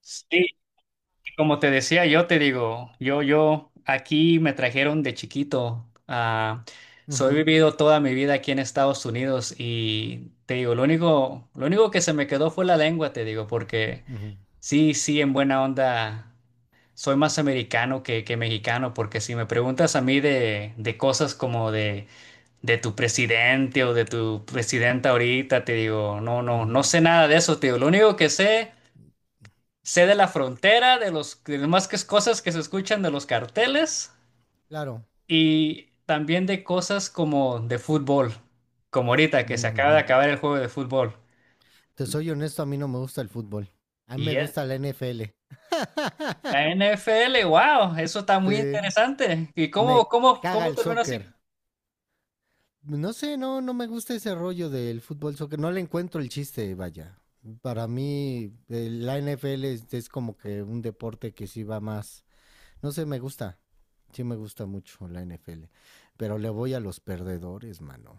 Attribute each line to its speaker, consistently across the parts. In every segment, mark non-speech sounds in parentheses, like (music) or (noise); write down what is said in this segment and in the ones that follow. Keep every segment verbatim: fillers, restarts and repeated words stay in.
Speaker 1: Sí, como te decía, yo te digo, yo, yo, aquí me trajeron de chiquito. Ah, soy
Speaker 2: Ujú,
Speaker 1: vivido toda mi vida aquí en Estados Unidos y te digo, lo único, lo único que se me quedó fue la lengua, te digo, porque
Speaker 2: ujú,
Speaker 1: sí, sí, en buena onda, soy más americano que, que mexicano, porque si me preguntas a mí de, de cosas como de, de tu presidente o de tu presidenta ahorita, te digo, no, no,
Speaker 2: ujú.
Speaker 1: no sé nada de eso, te digo, lo único que sé sé de la frontera, de los de las más que cosas que se escuchan de los carteles
Speaker 2: Claro.
Speaker 1: y también de cosas como de fútbol, como ahorita que se acaba de
Speaker 2: Ujú.
Speaker 1: acabar el juego de fútbol.
Speaker 2: Te soy honesto, a mí no me gusta el fútbol. A mí me
Speaker 1: Y
Speaker 2: gusta
Speaker 1: eh,
Speaker 2: la N F L.
Speaker 1: la N F L, wow, eso está muy
Speaker 2: Sí.
Speaker 1: interesante. ¿Y cómo,
Speaker 2: Me
Speaker 1: cómo,
Speaker 2: caga
Speaker 1: cómo
Speaker 2: el
Speaker 1: terminó así?
Speaker 2: soccer. No sé, no, no me gusta ese rollo del fútbol soccer. No le encuentro el chiste, vaya. Para mí, eh, la N F L es, es como que un deporte que sí va más. No sé, me gusta. Sí me gusta mucho la N F L. Pero le voy a los perdedores, mano.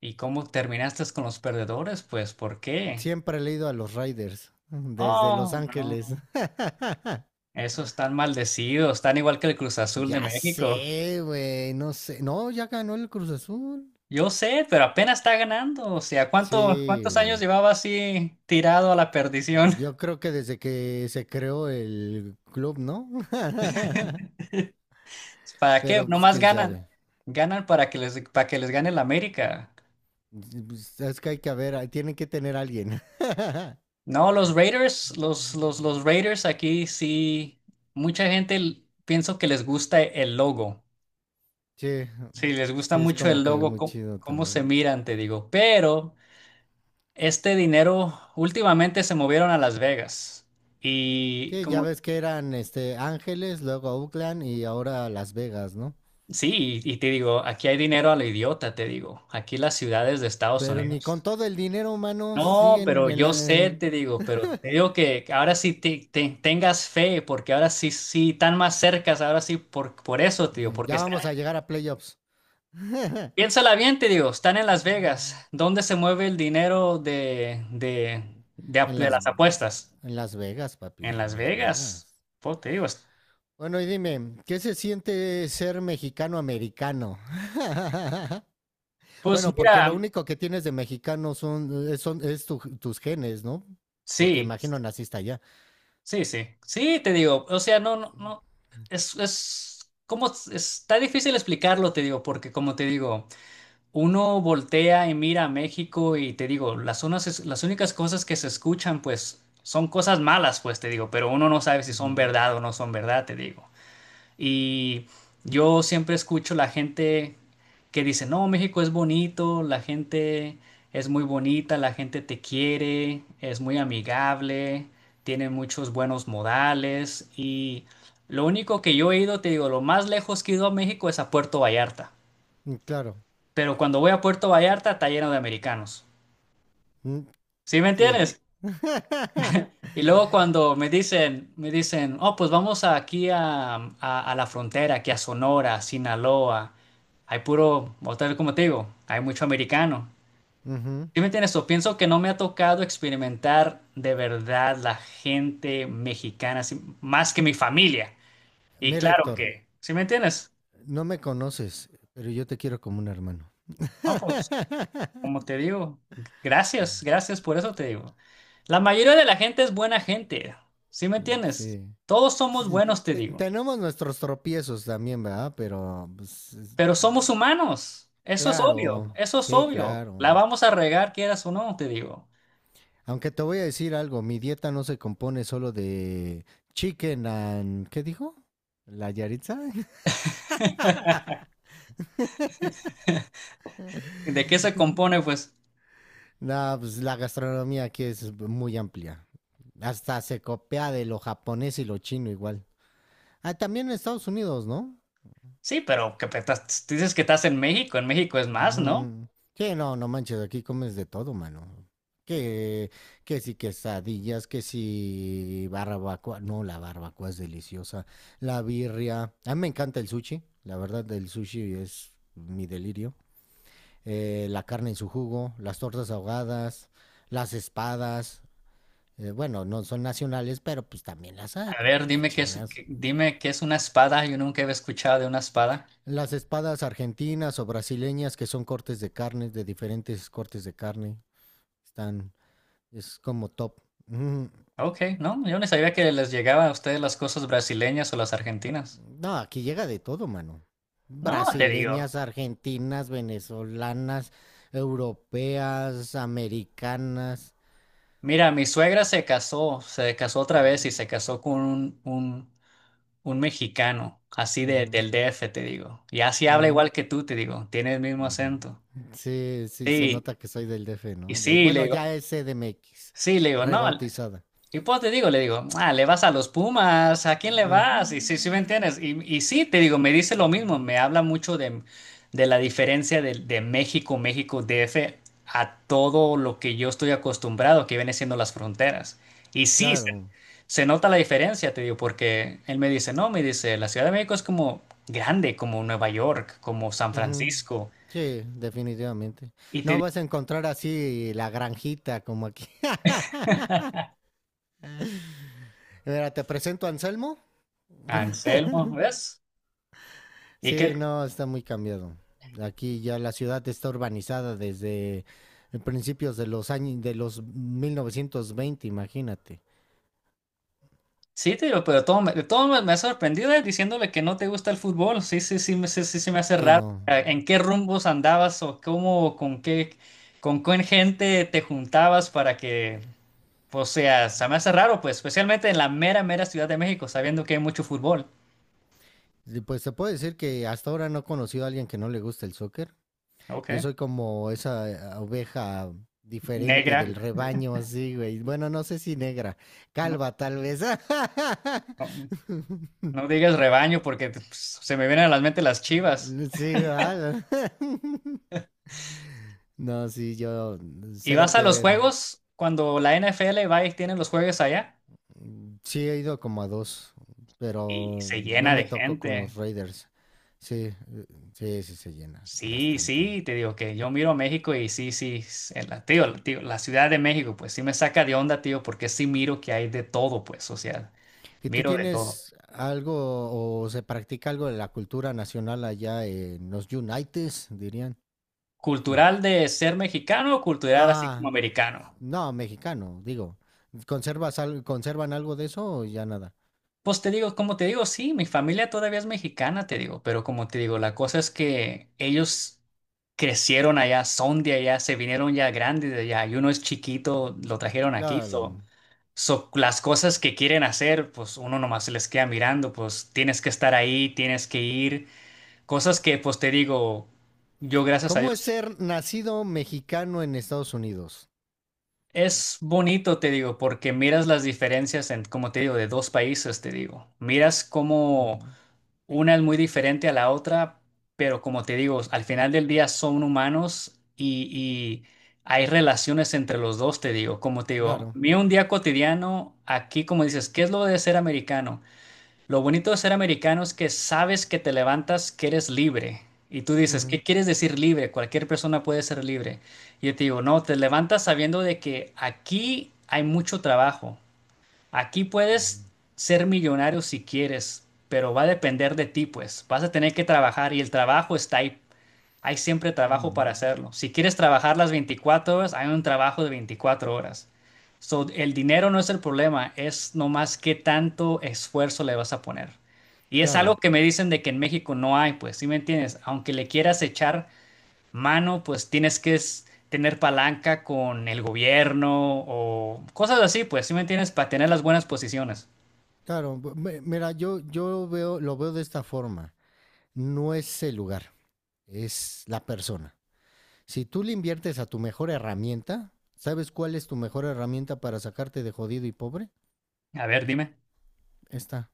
Speaker 1: ¿Y cómo terminaste con los perdedores? Pues, ¿por qué?
Speaker 2: Siempre le he ido a los Raiders, desde Los
Speaker 1: Oh,
Speaker 2: Ángeles.
Speaker 1: no.
Speaker 2: (laughs)
Speaker 1: Esos están maldecidos, están igual que el Cruz Azul de
Speaker 2: ya
Speaker 1: México.
Speaker 2: sé, güey, no sé. No, ya ganó el Cruz Azul.
Speaker 1: Yo sé, pero apenas está ganando. O sea, ¿cuánto,
Speaker 2: Sí,
Speaker 1: ¿cuántos años
Speaker 2: güey.
Speaker 1: llevaba así tirado a la perdición?
Speaker 2: Yo
Speaker 1: (laughs)
Speaker 2: creo que desde que se creó el club, ¿no? (laughs)
Speaker 1: ¿Para qué?
Speaker 2: Pero pues
Speaker 1: Nomás
Speaker 2: quién
Speaker 1: ganan.
Speaker 2: sabe.
Speaker 1: Ganan para que les, para que les gane el América.
Speaker 2: Pues, Es que hay que haber, tienen que tener a alguien. (laughs)
Speaker 1: No, los Raiders, los, los, los Raiders aquí sí, mucha gente l- pienso que les gusta el logo.
Speaker 2: Sí,
Speaker 1: Sí, les gusta
Speaker 2: sí, es
Speaker 1: mucho
Speaker 2: como
Speaker 1: el
Speaker 2: que
Speaker 1: logo,
Speaker 2: muy
Speaker 1: có-
Speaker 2: chido
Speaker 1: cómo se
Speaker 2: también.
Speaker 1: miran, te digo. Pero este dinero últimamente se movieron a Las Vegas. Y
Speaker 2: Sí, ya
Speaker 1: como
Speaker 2: ves que eran este Ángeles, luego Oakland y ahora Las Vegas, ¿no?
Speaker 1: sí, y, y te digo, aquí hay dinero a lo idiota, te digo. Aquí las ciudades de Estados
Speaker 2: Pero ni con
Speaker 1: Unidos.
Speaker 2: todo el dinero humano
Speaker 1: No, pero
Speaker 2: siguen en
Speaker 1: yo
Speaker 2: la.
Speaker 1: sé,
Speaker 2: en-
Speaker 1: te digo, pero te digo que ahora sí te, te- tengas fe, porque ahora sí, sí, están más cercas, ahora sí, por, por eso, te digo,
Speaker 2: eh,
Speaker 1: porque
Speaker 2: Ya
Speaker 1: están,
Speaker 2: vamos a llegar a playoffs. (laughs) en
Speaker 1: piénsala bien, te digo, están en Las Vegas. ¿Dónde se mueve el dinero de, de, de, ap- de
Speaker 2: las.
Speaker 1: las apuestas?
Speaker 2: En Las Vegas, papi.
Speaker 1: En
Speaker 2: En
Speaker 1: Las
Speaker 2: Las
Speaker 1: Vegas.
Speaker 2: Vegas.
Speaker 1: Pues te digo, es-
Speaker 2: Bueno, y dime, ¿qué se siente ser mexicano-americano? (laughs)
Speaker 1: pues
Speaker 2: bueno, porque
Speaker 1: mira,
Speaker 2: lo único que tienes de mexicano son, es son, es tu- tus genes, ¿no? Porque
Speaker 1: sí.
Speaker 2: imagino naciste allá.
Speaker 1: Sí, sí, sí, te digo, o sea, no, no, no, es, es, como, es- está difícil explicarlo, te digo, porque como te digo, uno voltea y mira a México y te digo, las unas, es- las únicas cosas que se escuchan, pues, son cosas malas, pues, te digo, pero uno no sabe si son
Speaker 2: Ujú.
Speaker 1: verdad o no son verdad, te digo. Y yo siempre escucho la gente que dice, no, México es bonito, la gente es muy bonita, la gente te quiere, es muy amigable, tiene muchos buenos modales. Y lo único que yo he ido, te digo, lo más lejos que he ido a México es a Puerto Vallarta.
Speaker 2: Mm, Claro.
Speaker 1: Pero cuando voy a Puerto Vallarta está lleno de americanos.
Speaker 2: Mm,
Speaker 1: ¿Sí me
Speaker 2: Sí.
Speaker 1: entiendes?
Speaker 2: (laughs)
Speaker 1: Y luego cuando me dicen, me dicen, oh, pues vamos aquí a, a- a la frontera, aquí a Sonora, Sinaloa. Hay puro, otra vez como te digo, hay mucho americano.
Speaker 2: Ujú.
Speaker 1: ¿Sí me entiendes? O pienso que no me ha tocado experimentar de verdad la gente mexicana, así, más que mi familia. Y
Speaker 2: Mira,
Speaker 1: claro
Speaker 2: Héctor.
Speaker 1: que, ¿sí me entiendes?
Speaker 2: No me conoces, pero yo te quiero como un hermano.
Speaker 1: No, pues,
Speaker 2: (laughs)
Speaker 1: como te digo, gracias, gracias por eso te digo. La mayoría de la gente es buena gente, ¿sí me entiendes?
Speaker 2: sí.
Speaker 1: Todos somos
Speaker 2: Sí,
Speaker 1: buenos, te
Speaker 2: te-
Speaker 1: digo.
Speaker 2: tenemos nuestros tropiezos también, ¿verdad? Pero, pues, es-
Speaker 1: Pero somos humanos, eso es
Speaker 2: Claro,
Speaker 1: obvio, eso es
Speaker 2: sí,
Speaker 1: obvio.
Speaker 2: claro.
Speaker 1: La vamos a regar, quieras o no, te digo.
Speaker 2: Aunque te voy a decir algo, mi dieta no se compone solo de chicken and... ¿Qué dijo? ¿La Yaritza?
Speaker 1: ¿Y de qué se
Speaker 2: (laughs)
Speaker 1: compone? Pues
Speaker 2: no, pues la gastronomía aquí es muy amplia. Hasta se copia de lo japonés y lo chino igual. Ah, también en Estados Unidos, ¿no?
Speaker 1: sí, pero que pe- estás- dices que estás en México, en México es más, ¿no?
Speaker 2: Ujú. Sí, no, no manches, aquí comes de todo, mano. Que, que si quesadillas, que si barbacoa. No, la barbacoa es deliciosa. La birria. A mí me encanta el sushi. La verdad, el sushi es mi delirio. Eh, la carne en su jugo, las tortas ahogadas, las espadas. Eh, bueno, no son nacionales, pero pues también las hay.
Speaker 1: A
Speaker 2: Pues,
Speaker 1: ver,
Speaker 2: qué
Speaker 1: dime qué es,
Speaker 2: chingas.
Speaker 1: qué- dime qué es una espada, yo nunca había escuchado de una espada.
Speaker 2: Las espadas argentinas o brasileñas, que son cortes de carne, de diferentes cortes de carne. Están Es como top. Mm.
Speaker 1: Ok, no, yo no sabía que les llegaban a ustedes las cosas brasileñas o las argentinas.
Speaker 2: No, aquí llega de todo, mano.
Speaker 1: No, te digo.
Speaker 2: Brasileñas, argentinas, venezolanas, europeas, americanas.
Speaker 1: Mira, mi suegra se casó, se casó otra vez
Speaker 2: Ujú,
Speaker 1: y se casó con un, un Un mexicano, así de, del D F, te digo. Y así habla
Speaker 2: ujú,
Speaker 1: igual que tú, te digo. Tiene el mismo
Speaker 2: ujú,
Speaker 1: acento.
Speaker 2: ujú. Sí, sí, se
Speaker 1: Sí,
Speaker 2: nota que soy del D F,
Speaker 1: y
Speaker 2: ¿no? De-
Speaker 1: sí, le
Speaker 2: bueno,
Speaker 1: digo,
Speaker 2: ya es C D M X,
Speaker 1: sí, le digo, no.
Speaker 2: rebautizada.
Speaker 1: Y pues te digo, le digo, ah, le vas a los Pumas, ¿a quién le
Speaker 2: Ujú.
Speaker 1: vas? Y sí, sí, ¿me entiendes? Y, y sí, te digo, me dice lo mismo, me habla mucho de, de la diferencia de, de México, México, D F, a todo lo que yo estoy acostumbrado, que viene siendo las fronteras. Y sí,
Speaker 2: Claro.
Speaker 1: se nota la diferencia, te digo, porque él me dice, no, me dice, la Ciudad de México es como grande, como Nueva York, como San
Speaker 2: ujú.
Speaker 1: Francisco.
Speaker 2: Sí, definitivamente.
Speaker 1: Y te
Speaker 2: No
Speaker 1: digo,
Speaker 2: vas a encontrar así la granjita como aquí. (laughs) Mira, te presento a Anselmo.
Speaker 1: Anselmo, ¿ves? Y
Speaker 2: Sí,
Speaker 1: que,
Speaker 2: no, está muy cambiado. Aquí ya la ciudad está urbanizada desde principios de los años de los mil novecientos veinte. imagínate.
Speaker 1: sí, te digo, pero todo me, de todo me, me ha sorprendido eh, diciéndole que no te gusta el fútbol. Sí, sí, sí, me- sí, sí, sí me hace
Speaker 2: Sí,
Speaker 1: raro.
Speaker 2: no.
Speaker 1: Eh, ¿En qué rumbos andabas o cómo, con qué, con qué gente te juntabas para que, o sea, se me hace raro, pues, especialmente en la mera, mera Ciudad de México, sabiendo que hay mucho fútbol.
Speaker 2: Y Pues se puede decir que hasta ahora no he conocido a alguien que no le guste el soccer.
Speaker 1: Ok.
Speaker 2: Yo soy como esa eh, oveja diferente
Speaker 1: Negra.
Speaker 2: del rebaño, así, güey. Bueno, no sé si negra,
Speaker 1: No,
Speaker 2: calva tal vez. (laughs)
Speaker 1: no. No digas rebaño porque pues, se me vienen a la mente las Chivas.
Speaker 2: Sí, ¿verdad? (laughs) No, sí, yo
Speaker 1: Y
Speaker 2: cero
Speaker 1: vas a
Speaker 2: que
Speaker 1: los
Speaker 2: ver.
Speaker 1: juegos cuando la N F L va y tiene los juegos allá
Speaker 2: Mm, Sí, he ido como a dos,
Speaker 1: y
Speaker 2: pero
Speaker 1: se
Speaker 2: no
Speaker 1: llena
Speaker 2: me
Speaker 1: de
Speaker 2: tocó con los
Speaker 1: gente.
Speaker 2: Raiders. Sí, eh, sí, sí se llena
Speaker 1: Sí,
Speaker 2: bastante.
Speaker 1: sí, te digo que yo miro México y sí, sí, s- en la, tío, tío, la Ciudad de México, pues sí me saca de onda, tío, porque sí miro que hay de todo, pues, o sea,
Speaker 2: ¿Y tú
Speaker 1: miro de todo.
Speaker 2: tienes algo o se practica algo de la cultura nacional allá en los Unites, dirían? Hmm.
Speaker 1: Cultural de ser mexicano, cultural así como
Speaker 2: Ah,
Speaker 1: americano.
Speaker 2: no, mexicano, digo. ¿Conservas al- conservan algo de eso o ya nada?
Speaker 1: Pues te digo, como te digo, sí, mi familia todavía es mexicana, te digo, pero como te digo, la cosa es que ellos crecieron allá, son de allá, se vinieron ya grandes de allá, y uno es chiquito, lo trajeron aquí,
Speaker 2: Claro.
Speaker 1: so, so las cosas que quieren hacer, pues uno nomás se les queda mirando, pues tienes que estar ahí, tienes que ir, cosas que pues te digo, yo gracias a
Speaker 2: ¿Cómo es
Speaker 1: Dios,
Speaker 2: ser nacido mexicano en Estados Unidos?
Speaker 1: es bonito, te digo, porque miras las diferencias en, como te digo, de dos países, te digo, miras cómo
Speaker 2: Ujú.
Speaker 1: una es muy diferente a la otra, pero como te digo, al final del día son humanos y, y hay relaciones entre los dos, te digo. Como te digo,
Speaker 2: Claro.
Speaker 1: mira un día cotidiano, aquí como dices, ¿qué es lo de ser americano? Lo bonito de ser americano es que sabes que te levantas, que eres libre. Y tú dices,
Speaker 2: Ujú.
Speaker 1: ¿qué quieres decir libre? Cualquier persona puede ser libre. Y yo te digo, no, te levantas sabiendo de que aquí hay mucho trabajo. Aquí
Speaker 2: Ujú.
Speaker 1: puedes ser millonario si quieres, pero va a depender de ti, pues. Vas a tener que trabajar y el trabajo está ahí. Hay siempre trabajo para
Speaker 2: Ujú.
Speaker 1: hacerlo. Si quieres trabajar las veinticuatro horas, hay un trabajo de veinticuatro horas. So, el dinero no es el problema, es nomás qué tanto esfuerzo le vas a poner. Y es algo
Speaker 2: Claro.
Speaker 1: que me dicen de que en México no hay, pues, ¿sí me entiendes? Aunque le quieras echar mano, pues tienes que es- tener palanca con el gobierno o cosas así, pues, ¿sí me entiendes? Para tener las buenas posiciones.
Speaker 2: Claro, bu- me- mira, yo, yo veo, lo veo de esta forma. No es el lugar, es la persona. Si tú le inviertes a tu mejor herramienta, ¿sabes cuál es tu mejor herramienta para sacarte de jodido y pobre?
Speaker 1: A ver, dime.
Speaker 2: Esta.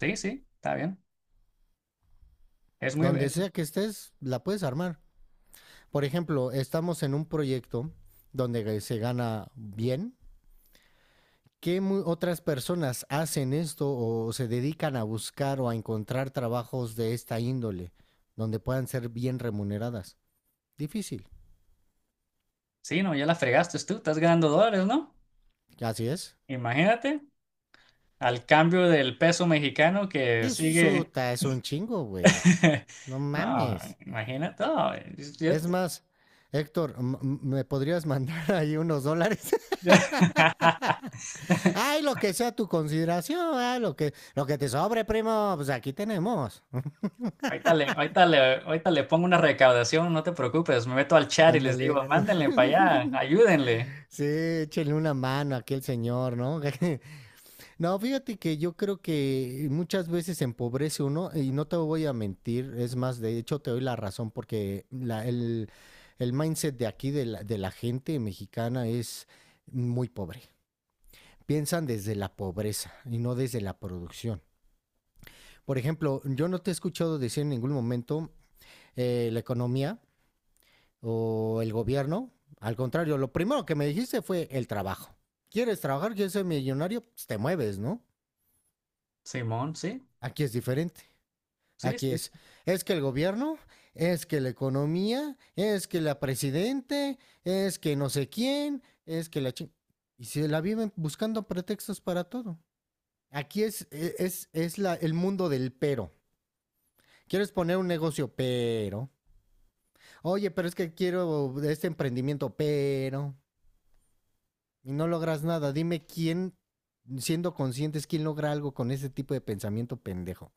Speaker 1: Sí, sí, está bien. Es muy...
Speaker 2: Donde
Speaker 1: es-
Speaker 2: sea que estés, la puedes armar. Por ejemplo, estamos en un proyecto donde se gana bien. ¿Qué mu- otras personas hacen esto o se dedican a buscar o a encontrar trabajos de esta índole donde puedan ser bien remuneradas? Difícil.
Speaker 1: Sí, no, ya la fregaste tú, estás ganando dólares, ¿no?
Speaker 2: Así es.
Speaker 1: Imagínate, al cambio del peso mexicano que
Speaker 2: Es
Speaker 1: sigue...
Speaker 2: suta, es un chingo, güey.
Speaker 1: (laughs)
Speaker 2: No
Speaker 1: No,
Speaker 2: mames.
Speaker 1: imagínate. No, es- yo-
Speaker 2: Es más, Héctor, m- m- ¿me podrías (laughs) mandar ahí unos dólares? (laughs)
Speaker 1: yo-
Speaker 2: Ay, lo que sea tu consideración, ay, lo que, lo que te sobre, primo, pues aquí tenemos.
Speaker 1: Ahorita le, ahorita le- ahorita le pongo una recaudación, no te preocupes, me meto al chat y les
Speaker 2: Ándale.
Speaker 1: digo, mándenle para allá,
Speaker 2: (laughs)
Speaker 1: ayúdenle.
Speaker 2: Sí, échenle una mano aquí al señor, ¿no? (laughs) No, fíjate que yo creo que muchas veces empobrece uno y no te voy a mentir, es más, de hecho te doy la razón porque la- el, el mindset de aquí de la, de la gente mexicana es muy pobre. Piensan desde la pobreza y no desde la producción. Por ejemplo, yo no te he escuchado decir en ningún momento eh, la economía o el gobierno. Al contrario, lo primero que me dijiste fue el trabajo. ¿Quieres trabajar? ¿Quieres ser millonario? Pues te mueves, ¿no?
Speaker 1: Simón, sí,
Speaker 2: Aquí es diferente.
Speaker 1: sí,
Speaker 2: Aquí es.
Speaker 1: sí.
Speaker 2: Es que el gobierno, es que la economía, es que la presidente, es que no sé quién, es que la ching... Y se la viven buscando pretextos para todo. Aquí es, e-, es, es la, el mundo del pero. Quieres poner un negocio, pero. Oye, pero es que quiero este emprendimiento, pero. Y no logras nada. Dime quién, siendo conscientes, quién logra algo con ese tipo de pensamiento pendejo.